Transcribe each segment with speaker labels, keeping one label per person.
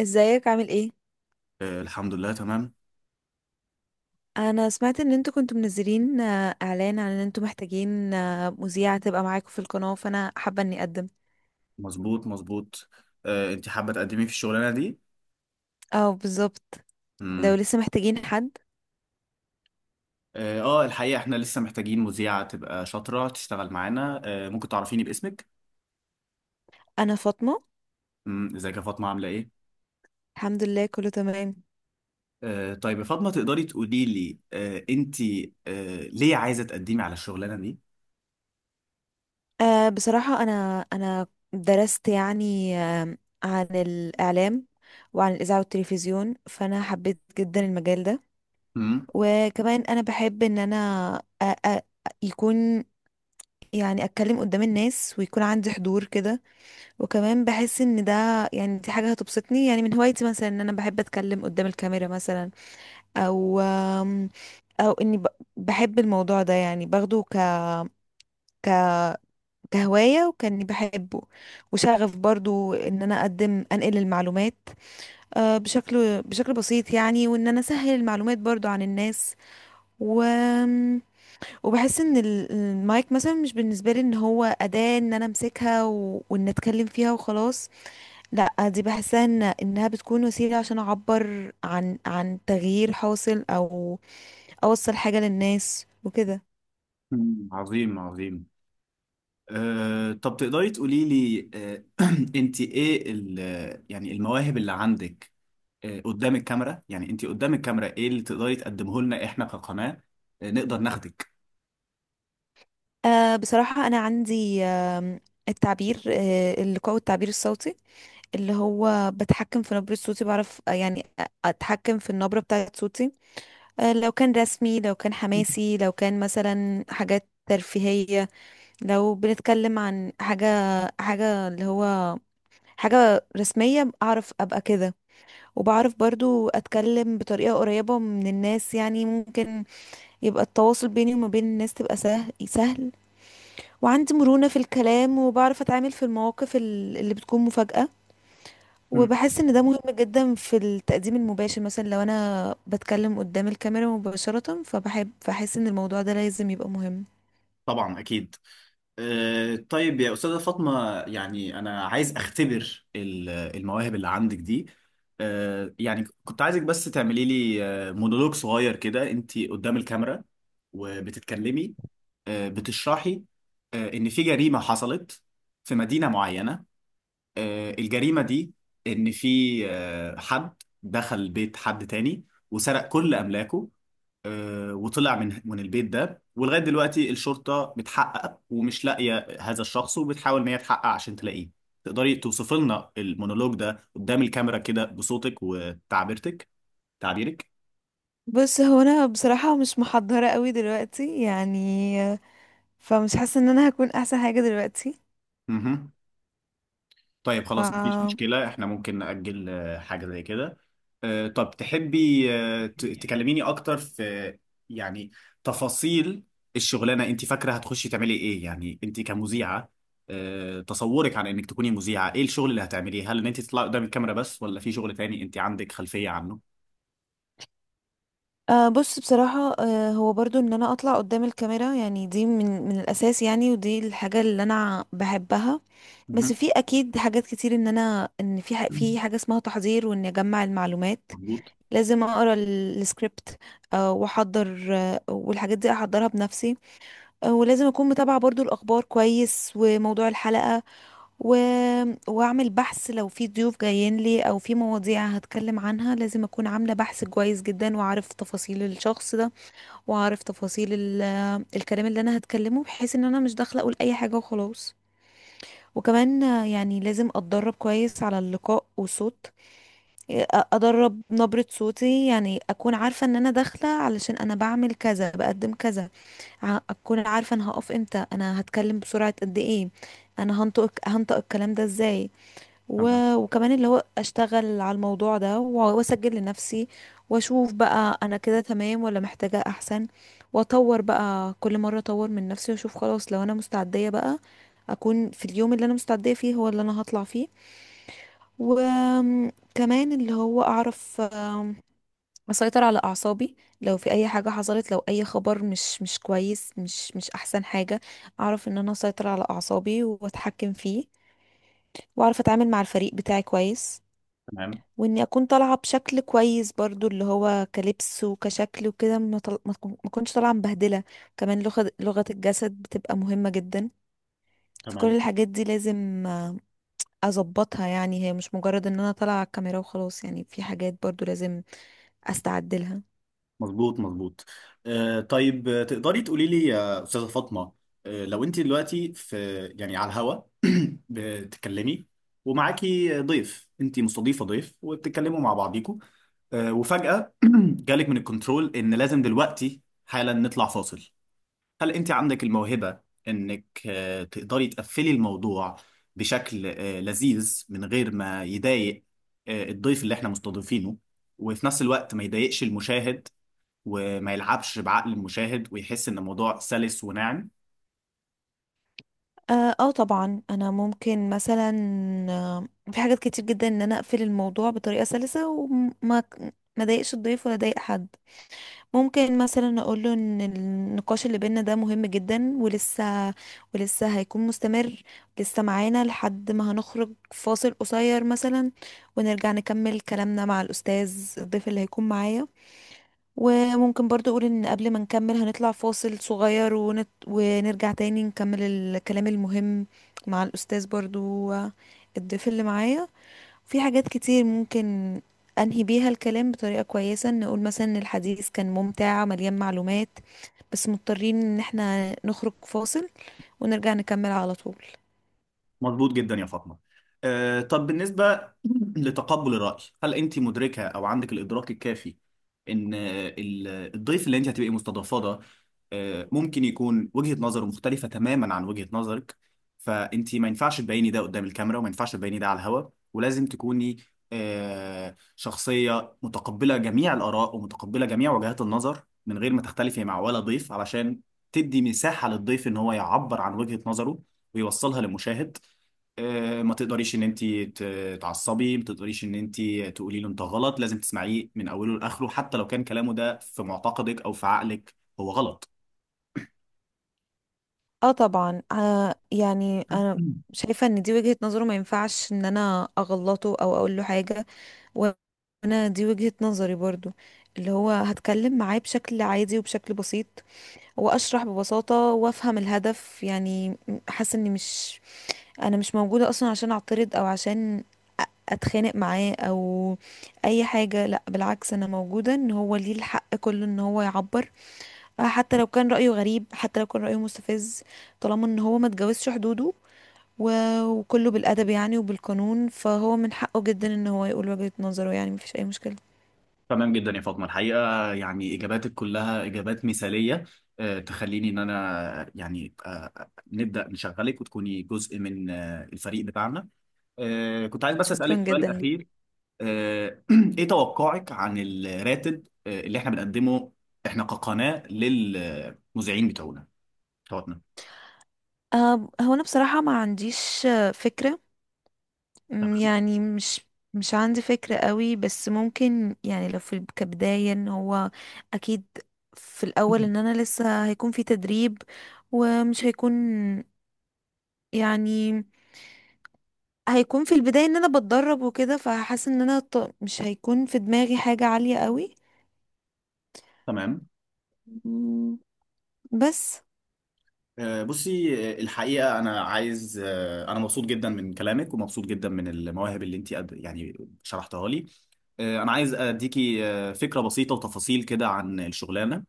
Speaker 1: ازيك عامل ايه؟
Speaker 2: الحمد لله تمام.
Speaker 1: انا سمعت ان انتوا كنتوا منزلين اعلان عن ان انتوا محتاجين مذيعة تبقى معاكم في القناة، فانا حابة اني اقدم.
Speaker 2: مظبوط مظبوط. انت حابة تقدمي في الشغلانة دي؟
Speaker 1: اه، بالظبط. لو
Speaker 2: مم.
Speaker 1: لسه محتاجين حد.
Speaker 2: اه، الحقيقة احنا لسه محتاجين مذيعة تبقى شاطرة تشتغل معانا، ممكن تعرفيني باسمك؟
Speaker 1: انا فاطمة.
Speaker 2: ازيك يا فاطمة عاملة ايه؟
Speaker 1: الحمد لله كله تمام.
Speaker 2: طيب يا فاطمة، تقدري تقولي لي انت ليه عايزة تقدمي على الشغلانة دي؟
Speaker 1: بصراحة انا درست، يعني عن الاعلام وعن الاذاعة والتلفزيون، فانا حبيت جدا المجال ده.
Speaker 2: مم.
Speaker 1: وكمان انا بحب ان انا أ- أ- يكون، يعني اتكلم قدام الناس ويكون عندي حضور كده. وكمان بحس ان ده، يعني دي حاجه هتبسطني، يعني من هوايتي مثلا ان انا بحب اتكلم قدام الكاميرا مثلا، او او اني بحب الموضوع ده، يعني باخده ك ك كهوايه وكاني بحبه. وشغف برضو ان انا اقدم انقل المعلومات بشكل بسيط، يعني وان انا اسهل المعلومات برضو عن الناس. و وبحس ان المايك مثلا مش بالنسبه لي ان هو اداه ان انا امسكها وان اتكلم فيها وخلاص. لا، دي بحسها إن انها بتكون وسيله عشان اعبر عن تغيير حاصل او اوصل حاجه للناس وكده.
Speaker 2: عظيم عظيم. طب تقدري تقولي لي انت ايه يعني المواهب اللي عندك قدام الكاميرا، يعني انت قدام الكاميرا ايه اللي تقدري تقدمه لنا احنا كقناة، نقدر ناخدك؟
Speaker 1: بصراحه انا عندي التعبير، اللقاء والتعبير الصوتي، اللي هو بتحكم في نبرة صوتي، بعرف يعني أتحكم في النبرة بتاعة صوتي. لو كان رسمي، لو كان حماسي، لو كان مثلا حاجات ترفيهية، لو بنتكلم عن حاجة اللي هو حاجة رسمية، أعرف أبقى كده. وبعرف برضو اتكلم بطريقة قريبة من الناس، يعني ممكن يبقى التواصل بيني وما بين الناس تبقى سهل سهل. وعندي مرونة في الكلام، وبعرف اتعامل في المواقف اللي بتكون مفاجأة.
Speaker 2: مم.
Speaker 1: وبحس ان ده مهم جدا في التقديم المباشر، مثلا لو انا بتكلم قدام الكاميرا مباشرة، فبحب بحس ان الموضوع ده لازم يبقى مهم.
Speaker 2: طبعا اكيد. طيب يا أستاذة فاطمة، يعني أنا عايز أختبر المواهب اللي عندك دي. يعني كنت عايزك بس تعملي لي مونولوج صغير كده، أنت قدام الكاميرا وبتتكلمي، بتشرحي إن في جريمة حصلت في مدينة معينة. الجريمة دي إن في حد دخل بيت حد تاني وسرق كل أملاكه، وطلع من البيت ده، ولغاية دلوقتي الشرطة بتحقق ومش لاقية هذا الشخص وبتحاول إن هي تحقق عشان تلاقيه. تقدري توصفي لنا المونولوج ده قدام الكاميرا كده بصوتك وتعبيرتك، تعبيرك؟
Speaker 1: بس هو انا بصراحة مش محضرة قوي دلوقتي يعني، فمش حاسة ان انا هكون احسن حاجة دلوقتي.
Speaker 2: مهم. طيب، خلاص، مفيش
Speaker 1: ف
Speaker 2: مشكلة، احنا ممكن نأجل حاجة زي كده. طب تحبي تكلميني أكتر في يعني تفاصيل الشغلانة؟ أنت فاكرة هتخشي تعملي إيه يعني أنت كمذيعة؟ تصورك عن إنك تكوني مذيعة، إيه الشغل اللي هتعمليه؟ هل إن أنت تطلعي قدام الكاميرا بس ولا في شغل تاني أنت عندك خلفية عنه؟
Speaker 1: بصراحة أه هو برضو ان انا اطلع قدام الكاميرا يعني، دي من الاساس يعني، ودي الحاجة اللي انا بحبها. بس
Speaker 2: مهم.
Speaker 1: في اكيد حاجات كتير ان انا، ان في في حاجة اسمها تحضير وان اجمع المعلومات.
Speaker 2: مظبوط.
Speaker 1: لازم اقرا السكريبت، واحضر، والحاجات دي احضرها بنفسي. ولازم اكون متابعة برضو الاخبار كويس وموضوع الحلقة. و... واعمل بحث لو في ضيوف جايين لي او في مواضيع هتكلم عنها، لازم اكون عاملة بحث كويس جدا، واعرف تفاصيل الشخص ده، واعرف تفاصيل الكلام اللي انا هتكلمه، بحيث ان انا مش داخله اقول اي حاجه وخلاص. وكمان يعني لازم اتدرب كويس على اللقاء والصوت. ادرب نبرة صوتي، يعني اكون عارفه ان انا داخله علشان انا بعمل كذا، بقدم كذا. اكون عارفه انا هقف امتى، انا هتكلم بسرعه قد ايه، انا هنطق الكلام ده ازاي.
Speaker 2: تمام
Speaker 1: و... وكمان اللي هو اشتغل على الموضوع ده واسجل لنفسي واشوف بقى انا كده تمام ولا محتاجة احسن، واطور بقى كل مرة، اطور من نفسي واشوف. خلاص، لو انا مستعدية بقى، اكون في اليوم اللي انا مستعدية فيه هو اللي انا هطلع فيه. وكمان اللي هو اعرف اسيطر على اعصابي. لو في اي حاجة حصلت، لو اي خبر مش كويس، مش احسن حاجة، اعرف ان انا اسيطر على اعصابي واتحكم فيه، واعرف اتعامل مع الفريق بتاعي كويس.
Speaker 2: تمام
Speaker 1: واني اكون طالعه بشكل كويس برضو، اللي هو كلبس وكشكل وكده، ما طل... ما تكون- ما اكونش طالعه مبهدله. كمان لغه الجسد بتبقى مهمه جدا. فكل
Speaker 2: تمام.
Speaker 1: الحاجات دي لازم اظبطها، يعني هي مش مجرد ان انا طالعه على الكاميرا وخلاص يعني، في حاجات برضو لازم استعد لها.
Speaker 2: مظبوط مظبوط. طيب، تقدري تقولي لي يا أستاذة فاطمة، لو أنت دلوقتي في يعني على الهوا بتتكلمي ومعاكي ضيف، أنت مستضيفة ضيف وبتتكلموا مع بعضيكوا، وفجأة جالك من الكنترول إن لازم دلوقتي حالا نطلع فاصل، هل أنت عندك الموهبة إنك تقدري تقفلي الموضوع بشكل لذيذ من غير ما يضايق الضيف اللي إحنا مستضيفينه، وفي نفس الوقت ما يضايقش المشاهد وما يلعبش بعقل المشاهد ويحس ان الموضوع سلس وناعم؟
Speaker 1: اه، آه طبعا انا ممكن مثلا في حاجات كتير جدا ان انا اقفل الموضوع بطريقه سلسه وما ما اضايقش الضيف ولا اضايق حد. ممكن مثلا اقول له ان النقاش اللي بينا ده مهم جدا ولسه هيكون مستمر، لسه معانا لحد ما هنخرج فاصل قصير مثلا، ونرجع نكمل كلامنا مع الاستاذ الضيف اللي هيكون معايا. وممكن برضو اقول ان قبل ما نكمل هنطلع فاصل صغير، ونرجع تاني نكمل الكلام المهم مع الاستاذ برضو، الضيف اللي معايا. في حاجات كتير ممكن أنهي بيها الكلام بطريقة كويسة، نقول مثلا إن الحديث كان ممتع مليان معلومات، بس مضطرين إن احنا نخرج فاصل ونرجع نكمل على طول.
Speaker 2: مظبوط جدا يا فاطمه. طب بالنسبه لتقبل الراي، هل انت مدركه او عندك الادراك الكافي ان الضيف اللي انت هتبقي مستضافاه ده ممكن يكون وجهه نظره مختلفه تماما عن وجهه نظرك، فانت ما ينفعش تبيني ده قدام الكاميرا وما ينفعش تبيني ده على الهوا، ولازم تكوني شخصيه متقبله جميع الاراء ومتقبله جميع وجهات النظر من غير ما تختلفي مع ولا ضيف، علشان تدي مساحه للضيف ان هو يعبر عن وجهه نظره ويوصلها للمشاهد. ما تقدريش ان انت تعصبي، ما تقدريش ان انت تقولي له انت غلط، لازم تسمعيه من اوله لاخره حتى لو كان كلامه ده في معتقدك او في عقلك هو غلط.
Speaker 1: اه، طبعا يعني أنا شايفة إن دي وجهة نظره، ما ينفعش إن أنا أغلطه أو أقول له حاجة، وانا دي وجهة نظري برضو. اللي هو هتكلم معاه بشكل عادي وبشكل بسيط، واشرح ببساطة وافهم الهدف يعني. حاسة اني مش، انا مش موجودة اصلا عشان اعترض او عشان اتخانق معاه او اي حاجة. لا، بالعكس انا موجودة ان هو ليه الحق كله ان هو يعبر، حتى لو كان رأيه غريب، حتى لو كان رأيه مستفز، طالما ان هو ما اتجاوزش حدوده وكله بالادب يعني وبالقانون، فهو من حقه جدا ان هو يقول وجهة نظره، يعني مفيش اي مشكلة.
Speaker 2: تمام جدا يا فاطمه، الحقيقه يعني اجاباتك كلها اجابات مثاليه، تخليني ان انا يعني نبدا نشغلك وتكوني جزء من الفريق بتاعنا. كنت عايز بس
Speaker 1: شكرا
Speaker 2: اسالك
Speaker 1: جدا
Speaker 2: سؤال اخير.
Speaker 1: ليك.
Speaker 2: آه، ايه توقعك عن الراتب اللي احنا بنقدمه احنا كقناه للمذيعين بتوعنا توتنهام؟
Speaker 1: هو انا بصراحة ما عنديش فكرة.
Speaker 2: تمام.
Speaker 1: يعني مش، مش عندي فكرة قوي، بس ممكن، يعني لو في كبداية ان هو اكيد في الاول ان انا لسه هيكون في تدريب، ومش هيكون، يعني هيكون في البداية ان انا بتدرب وكده، فحاسة ان انا مش هيكون في دماغي حاجة عالية قوي.
Speaker 2: تمام.
Speaker 1: أمم، بس.
Speaker 2: بصي، الحقيقة أنا عايز، أنا مبسوط جدا من كلامك ومبسوط جدا من المواهب اللي أنت يعني شرحتها لي. أنا عايز أديكي فكرة بسيطة وتفاصيل كده عن الشغلانة.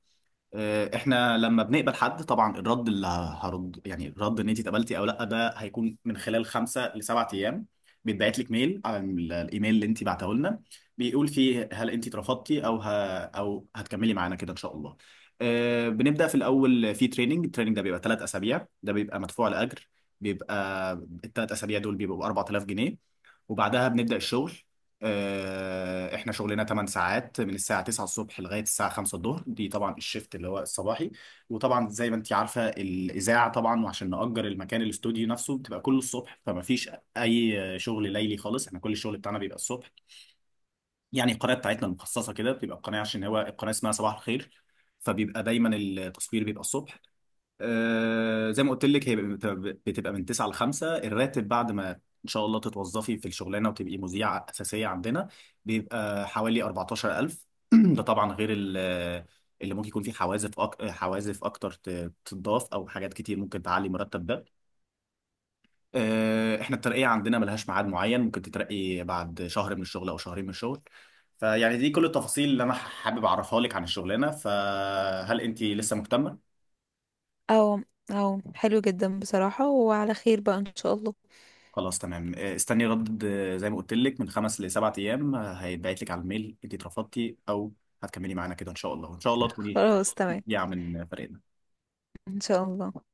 Speaker 2: احنا لما بنقبل حد طبعا الرد اللي هرد، يعني الرد ان انت اتقبلتي او لا، ده هيكون من خلال 5 ل 7 ايام. بيتبعت لك ميل على الايميل اللي انت بعته لنا، بيقول فيه هل انت اترفضتي او او هتكملي معانا كده ان شاء الله. بنبدا في الاول في التريننج، ده بيبقى 3 اسابيع، ده بيبقى مدفوع لاجر، بيبقى الثلاث اسابيع دول بيبقوا 4000 جنيه. وبعدها بنبدأ الشغل. احنا شغلنا 8 ساعات من الساعة 9 الصبح لغاية الساعة 5 الظهر، دي طبعا الشيفت اللي هو الصباحي. وطبعا زي ما انت عارفة الإذاعة طبعا، وعشان نأجر المكان الاستوديو نفسه بتبقى كله الصبح، فما فيش أي شغل ليلي خالص، احنا كل الشغل بتاعنا بيبقى الصبح. يعني القناة بتاعتنا المخصصة كده بتبقى القناة عشان هو القناة اسمها صباح الخير، فبيبقى دايما التصوير بيبقى الصبح. زي ما قلت لك هي بتبقى من 9 ل 5. الراتب بعد ما ان شاء الله تتوظفي في الشغلانه وتبقي مذيعه اساسيه عندنا بيبقى حوالي 14000. ده طبعا غير اللي ممكن يكون فيه حوازف اكتر تضاف او حاجات كتير ممكن تعلي مرتب ده. احنا الترقيه عندنا ملهاش ميعاد معين، ممكن تترقي بعد شهر من الشغل او شهرين من الشغل. فيعني دي كل التفاصيل اللي انا حابب اعرفها لك عن الشغلانه، فهل انت لسه مهتمه؟
Speaker 1: او او حلو جدا بصراحة، وعلى خير بقى ان شاء الله.
Speaker 2: خلاص تمام. استني رد زي ما قلت لك من 5 ل 7 ايام، هيتبعت لك على الميل انت اترفضتي او هتكملي معانا كده ان شاء الله، وان شاء الله تكوني
Speaker 1: خلاص تمام
Speaker 2: مبدعه من فريقنا.
Speaker 1: ان شاء الله.